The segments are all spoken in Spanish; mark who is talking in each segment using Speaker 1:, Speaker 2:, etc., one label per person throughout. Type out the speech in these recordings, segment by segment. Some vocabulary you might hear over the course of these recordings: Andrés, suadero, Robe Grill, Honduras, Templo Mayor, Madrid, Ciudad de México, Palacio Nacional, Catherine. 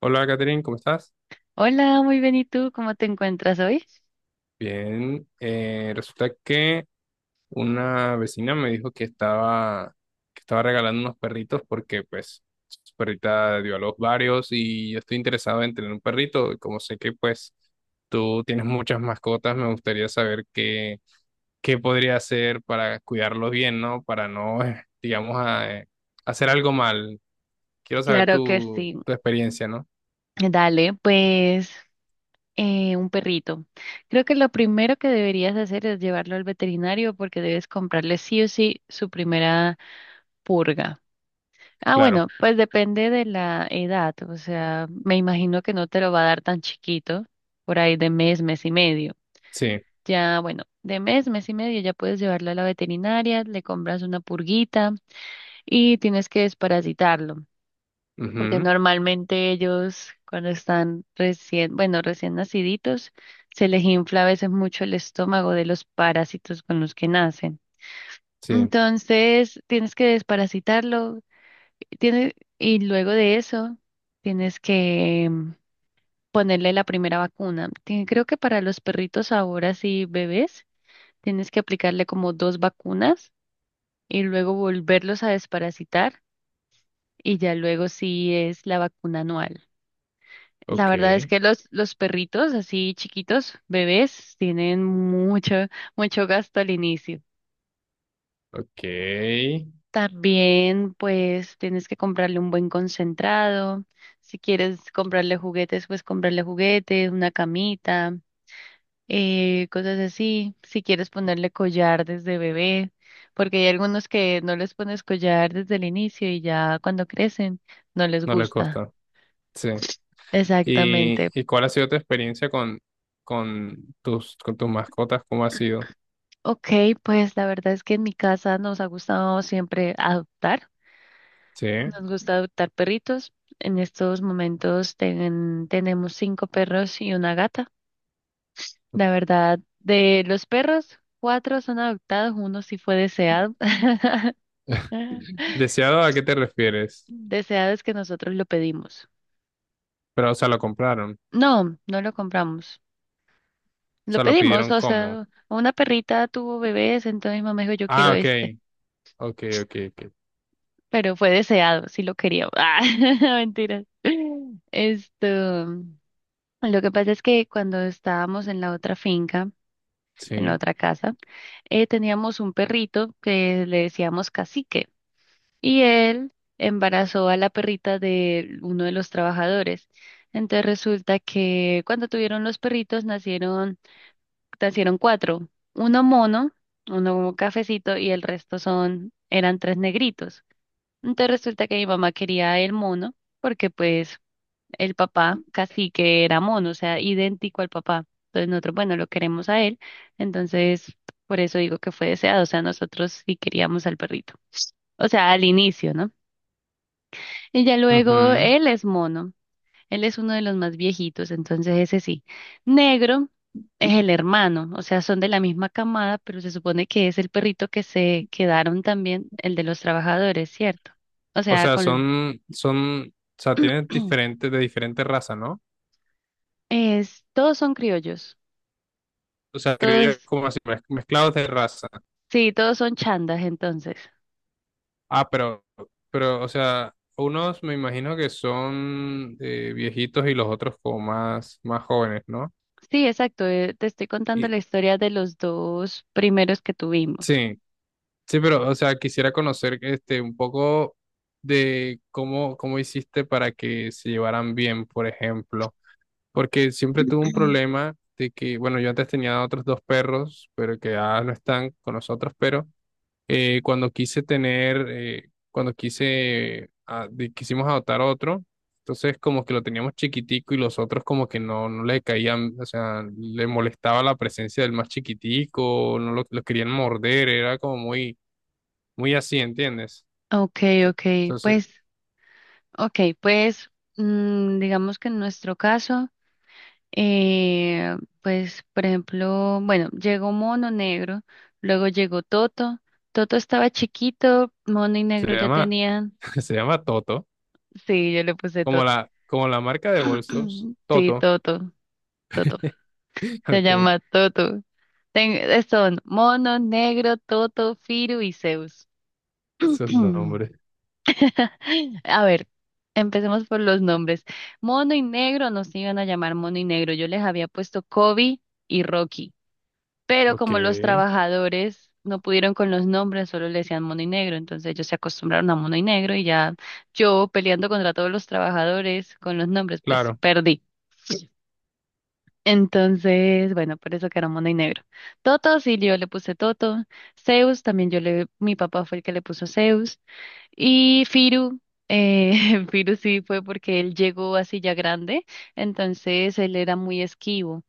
Speaker 1: Hola, Catherine, ¿cómo estás?
Speaker 2: Hola, muy bien. ¿Y tú cómo te encuentras hoy?
Speaker 1: Bien, resulta que una vecina me dijo que estaba regalando unos perritos porque pues su perrita dio a luz varios y yo estoy interesado en tener un perrito y como sé que pues tú tienes muchas mascotas, me gustaría saber qué podría hacer para cuidarlos bien, ¿no? Para no, digamos, hacer algo mal. Quiero saber
Speaker 2: Claro que sí.
Speaker 1: tu experiencia, ¿no?
Speaker 2: Dale, pues un perrito. Creo que lo primero que deberías hacer es llevarlo al veterinario porque debes comprarle sí o sí su primera purga. Ah, bueno,
Speaker 1: Claro,
Speaker 2: pues depende de la edad. O sea, me imagino que no te lo va a dar tan chiquito, por ahí de mes, mes y medio.
Speaker 1: sí,
Speaker 2: Ya, bueno, de mes, mes y medio ya puedes llevarlo a la veterinaria, le compras una purguita y tienes que desparasitarlo. Porque
Speaker 1: ujú,
Speaker 2: normalmente ellos cuando están recién, bueno, recién naciditos, se les infla a veces mucho el estómago de los parásitos con los que nacen.
Speaker 1: sí,
Speaker 2: Entonces, tienes que desparasitarlo, y luego de eso, tienes que ponerle la primera vacuna. Creo que para los perritos ahora sí bebés, tienes que aplicarle como dos vacunas y luego volverlos a desparasitar y ya luego sí es la vacuna anual. La verdad es
Speaker 1: ok.
Speaker 2: que los perritos así chiquitos, bebés, tienen mucho, mucho gasto al inicio.
Speaker 1: Ok,
Speaker 2: También, pues, tienes que comprarle un buen concentrado. Si quieres comprarle juguetes, pues comprarle juguetes, una camita, cosas así. Si quieres ponerle collar desde bebé, porque hay algunos que no les pones collar desde el inicio y ya cuando crecen no les
Speaker 1: no les
Speaker 2: gusta.
Speaker 1: costa. Sí. ¿Y,
Speaker 2: Exactamente.
Speaker 1: y cuál ha sido tu experiencia con con tus mascotas? ¿Cómo ha sido?
Speaker 2: Ok, pues la verdad es que en mi casa nos ha gustado siempre adoptar.
Speaker 1: Sí.
Speaker 2: Nos gusta adoptar perritos. En estos momentos tenemos cinco perros y una gata. La verdad, de los perros, cuatro son adoptados, uno sí fue deseado.
Speaker 1: ¿Deseado a qué te refieres?
Speaker 2: Deseado es que nosotros lo pedimos.
Speaker 1: Pero, o sea, lo compraron. O
Speaker 2: No, no lo compramos. Lo
Speaker 1: sea, lo
Speaker 2: pedimos,
Speaker 1: pidieron
Speaker 2: o
Speaker 1: como.
Speaker 2: sea, una perrita tuvo bebés, entonces mi mamá dijo, yo quiero
Speaker 1: Ah, ok.
Speaker 2: este.
Speaker 1: Ok, ok, ok.
Speaker 2: Pero fue deseado, sí lo quería. Ah, mentiras. Esto, lo que pasa es que cuando estábamos en la otra finca, en la
Speaker 1: Sí.
Speaker 2: otra casa, teníamos un perrito que le decíamos Cacique y él embarazó a la perrita de uno de los trabajadores. Entonces resulta que cuando tuvieron los perritos nacieron, nacieron cuatro, uno mono, uno cafecito y el resto son, eran tres negritos. Entonces resulta que mi mamá quería el mono, porque pues el papá casi que era mono, o sea, idéntico al papá. Entonces nosotros, bueno, lo queremos a él, entonces por eso digo que fue deseado, o sea, nosotros sí queríamos al perrito. O sea, al inicio, ¿no? Y ya luego
Speaker 1: Ujú.
Speaker 2: él es mono, él es uno de los más viejitos, entonces ese sí. Negro es el hermano, o sea, son de la misma camada, pero se supone que es el perrito que se quedaron también, el de los trabajadores, ¿cierto? O
Speaker 1: O
Speaker 2: sea,
Speaker 1: sea,
Speaker 2: con...
Speaker 1: o sea, tienen diferentes, de diferentes razas, ¿no?
Speaker 2: Es, todos son criollos,
Speaker 1: O sea, creo yo
Speaker 2: todos,
Speaker 1: como así, mezclados de raza.
Speaker 2: sí, todos son chandas entonces.
Speaker 1: Ah, pero, pero, o sea, unos me imagino que son viejitos y los otros como más jóvenes, ¿no?
Speaker 2: Sí, exacto, te estoy contando
Speaker 1: Y,
Speaker 2: la historia de los dos primeros que tuvimos.
Speaker 1: sí, sí, pero, o sea, quisiera conocer este un poco de cómo hiciste para que se llevaran bien, por ejemplo, porque siempre tuve un problema de que, bueno, yo antes tenía otros dos perros, pero que ya no están con nosotros, pero cuando quise tener, cuando quise, ah, de- quisimos adoptar otro, entonces como que lo teníamos chiquitico y los otros como que no le caían, o sea, le molestaba la presencia del más chiquitico, no lo, lo querían morder, era como muy así, ¿entiendes?
Speaker 2: Ok,
Speaker 1: Ento-
Speaker 2: ok,
Speaker 1: Entonces,
Speaker 2: pues, ok, pues, digamos que en nuestro caso, eh, pues, por ejemplo, bueno, llegó Mono Negro, luego llegó Toto, Toto estaba chiquito, Mono y
Speaker 1: se
Speaker 2: Negro ya
Speaker 1: llama,
Speaker 2: tenían,
Speaker 1: se llama Toto,
Speaker 2: sí, yo le puse
Speaker 1: como
Speaker 2: Toto,
Speaker 1: como la marca de bolsos,
Speaker 2: sí,
Speaker 1: Toto,
Speaker 2: Toto, Toto. Se
Speaker 1: ok,
Speaker 2: llama Toto. Son Mono, Negro, Toto, Firu y Zeus.
Speaker 1: esos nombres,
Speaker 2: A ver, empecemos por los nombres. Mono y Negro no se iban a llamar Mono y Negro. Yo les había puesto Kobe y Rocky, pero
Speaker 1: ok,
Speaker 2: como los trabajadores no pudieron con los nombres, solo le decían Mono y Negro, entonces ellos se acostumbraron a Mono y Negro y ya yo peleando contra todos los trabajadores con los nombres, pues
Speaker 1: claro.
Speaker 2: perdí. Entonces, bueno, por eso que era mono y negro. Toto, sí, yo le puse Toto. Zeus, también mi papá fue el que le puso Zeus. Y Firu, Firu sí fue porque él llegó así ya grande, entonces él era muy esquivo.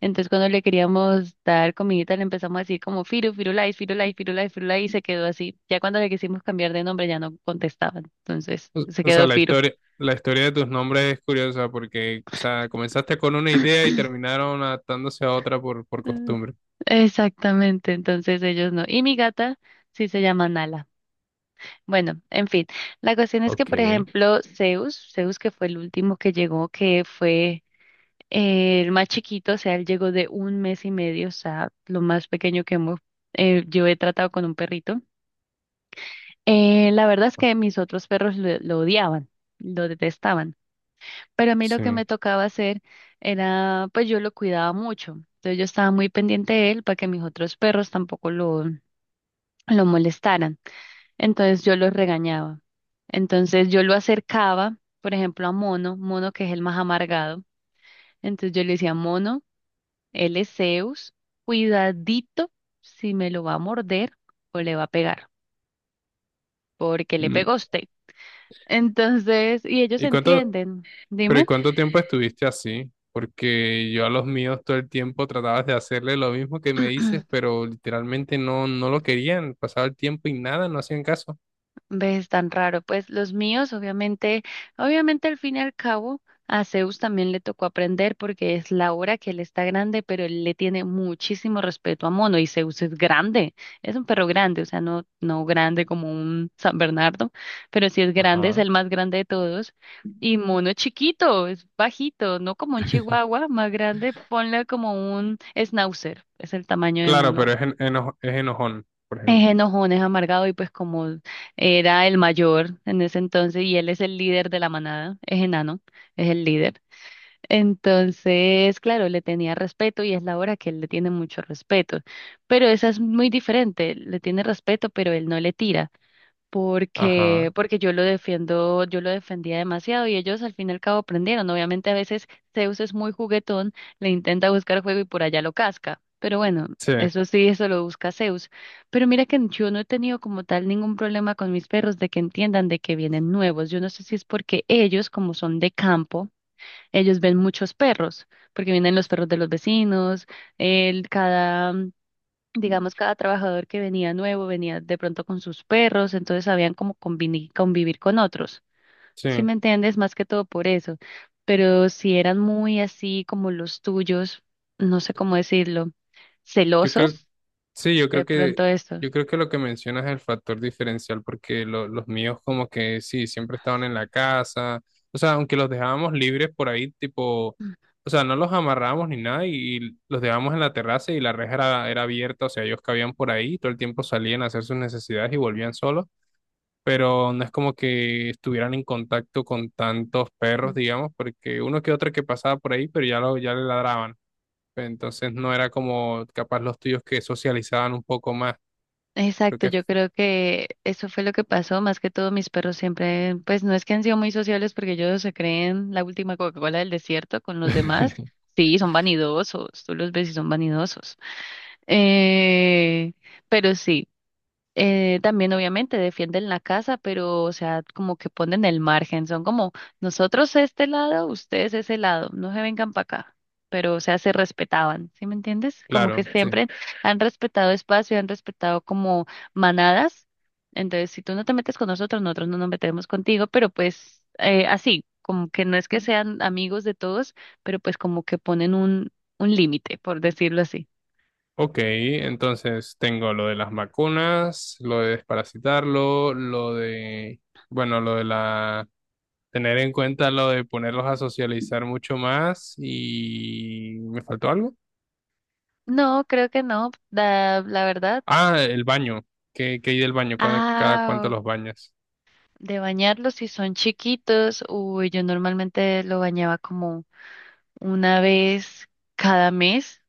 Speaker 2: Entonces cuando le queríamos dar comidita le empezamos a decir como Firu, Firulais, Firulais, Firulais, Firulais y se quedó así. Ya cuando le quisimos cambiar de nombre ya no contestaba, entonces se
Speaker 1: O sea,
Speaker 2: quedó Firu.
Speaker 1: la historia de tus nombres es curiosa porque, o sea, comenzaste con una idea y terminaron adaptándose a otra por costumbre.
Speaker 2: Exactamente, entonces ellos no. Y mi gata sí se llama Nala. Bueno, en fin, la cuestión es que,
Speaker 1: Ok,
Speaker 2: por ejemplo, Zeus, Zeus que fue el último que llegó, que fue el más chiquito, o sea, él llegó de un mes y medio, o sea, lo más pequeño que yo he tratado con un perrito. La verdad es que mis otros perros lo odiaban, lo detestaban, pero a mí lo
Speaker 1: sí.
Speaker 2: que me tocaba hacer era, pues yo lo cuidaba mucho, entonces yo estaba muy pendiente de él para que mis otros perros tampoco lo molestaran. Entonces yo los regañaba. Entonces yo lo acercaba, por ejemplo, a Mono, Mono que es el más amargado. Entonces yo le decía, Mono, él es Zeus, cuidadito si me lo va a morder o le va a pegar, porque le
Speaker 1: Mm,
Speaker 2: pegó a usted. Entonces, y ellos
Speaker 1: ¿Y cuánto,
Speaker 2: entienden.
Speaker 1: pero ¿y
Speaker 2: Dime.
Speaker 1: cuánto tiempo estuviste así? Porque yo a los míos todo el tiempo tratabas de hacerle lo mismo que me dices, pero literalmente no lo querían. Pasaba el tiempo y nada, no hacían caso.
Speaker 2: ¿Ves tan raro? Pues los míos, obviamente, obviamente al fin y al cabo, a Zeus también le tocó aprender porque es la hora que él está grande, pero él le tiene muchísimo respeto a Mono y Zeus es grande, es un perro grande, o sea, no grande como un San Bernardo, pero sí es grande, es
Speaker 1: Ajá.
Speaker 2: el más grande de todos. Y Mono es chiquito, es bajito, no como un chihuahua más grande, ponle como un schnauzer, es el tamaño de
Speaker 1: Claro, pero
Speaker 2: Mono.
Speaker 1: es enojón, por ejemplo.
Speaker 2: Es enojón, es amargado y pues como era el mayor en ese entonces y él es el líder de la manada, es enano, es el líder. Entonces, claro, le tenía respeto y es la hora que él le tiene mucho respeto, pero esa es muy diferente, le tiene respeto, pero él no le tira porque,
Speaker 1: Ajá.
Speaker 2: porque yo lo defiendo, yo lo defendía demasiado y ellos al fin y al cabo aprendieron. Obviamente a veces Zeus es muy juguetón, le intenta buscar juego y por allá lo casca, pero bueno,
Speaker 1: Sí,
Speaker 2: eso sí, eso lo busca Zeus. Pero mira que yo no he tenido como tal ningún problema con mis perros de que entiendan de que vienen nuevos. Yo no sé si es porque ellos, como son de campo, ellos ven muchos perros, porque vienen los perros de los vecinos, cada digamos, cada trabajador que venía nuevo venía de pronto con sus perros, entonces sabían cómo convivir con otros. ¿Si me
Speaker 1: sí.
Speaker 2: entiendes? Más que todo por eso. Pero si eran muy así como los tuyos, no sé cómo decirlo,
Speaker 1: Yo creo,
Speaker 2: celosos,
Speaker 1: Sí, yo creo
Speaker 2: de
Speaker 1: que,
Speaker 2: pronto esto.
Speaker 1: yo creo que lo que mencionas es el factor diferencial, porque los míos como que sí, siempre estaban en la casa, o sea, aunque los dejábamos libres por ahí, tipo, o sea, no los amarrábamos ni nada y, los dejábamos en la terraza y la reja era abierta, o sea, ellos cabían por ahí, todo el tiempo salían a hacer sus necesidades y volvían solos, pero no es como que estuvieran en contacto con tantos perros,
Speaker 2: Ujú.
Speaker 1: digamos, porque uno que otro que pasaba por ahí, pero ya, ya le ladraban. Entonces no era como capaz los tuyos que socializaban un poco más. Creo
Speaker 2: Exacto,
Speaker 1: que,
Speaker 2: yo creo que eso fue lo que pasó, más que todo mis perros siempre, pues no es que han sido muy sociables porque ellos se creen la última Coca-Cola del desierto con los demás. Sí, son vanidosos, tú los ves y son vanidosos. Eh, pero sí, también obviamente defienden la casa, pero o sea, como que ponen el margen, son como nosotros este lado, ustedes ese lado, no se vengan para acá, pero o sea, se respetaban, ¿sí me entiendes? Como que
Speaker 1: claro, sí.
Speaker 2: siempre han respetado espacio, han respetado como manadas, entonces si tú no te metes con nosotros, nosotros no nos metemos contigo, pero pues así, como que no es que sean amigos de todos, pero pues como que ponen un límite, por decirlo así.
Speaker 1: Ok, entonces tengo lo de las vacunas, lo de desparasitarlo, lo de, bueno, lo de la, tener en cuenta lo de ponerlos a socializar mucho más y ¿me faltó algo?
Speaker 2: No, creo que no, la verdad.
Speaker 1: Ah, el baño. ¿Qué hay del baño? ¿Cada cuánto
Speaker 2: Ah,
Speaker 1: los bañas?
Speaker 2: de bañarlos si son chiquitos, uy, yo normalmente lo bañaba como una vez cada mes,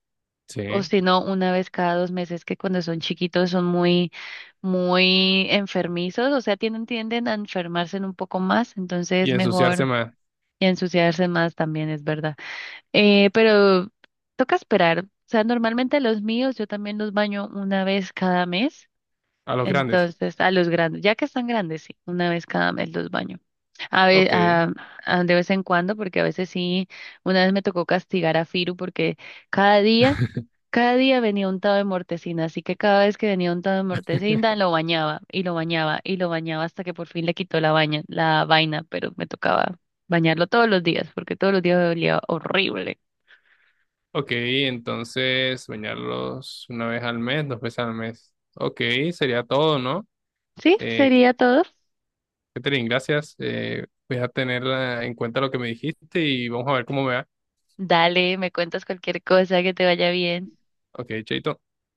Speaker 2: o
Speaker 1: Sí.
Speaker 2: si no, una vez cada dos meses, que cuando son chiquitos son muy, muy enfermizos, o sea, tienden, tienden a enfermarse un poco más,
Speaker 1: Y
Speaker 2: entonces
Speaker 1: ensuciarse
Speaker 2: mejor
Speaker 1: más
Speaker 2: y a ensuciarse más también es verdad. Pero toca esperar, o sea, normalmente los míos yo también los baño una vez cada mes.
Speaker 1: a los grandes.
Speaker 2: Entonces, a los grandes, ya que están grandes, sí, una vez cada mes los baño. A ve-
Speaker 1: Ok.
Speaker 2: a- De vez en cuando, porque a veces sí, una vez me tocó castigar a Firu porque cada día, cada día venía untado de mortecina, así que cada vez que venía untado de mortecina lo bañaba y lo bañaba y lo bañaba hasta que por fin le quitó la vaina, pero me tocaba bañarlo todos los días porque todos los días me olía horrible.
Speaker 1: Ok, entonces bañarlos una vez al mes, dos veces al mes. Ok, sería todo, ¿no?
Speaker 2: ¿Sí?
Speaker 1: Eh,
Speaker 2: ¿Sería todo?
Speaker 1: Catherine, gracias. Voy a tener en cuenta lo que me dijiste y vamos a ver cómo me va.
Speaker 2: Dale, me cuentas cualquier cosa, que te vaya bien.
Speaker 1: Ok, chaito.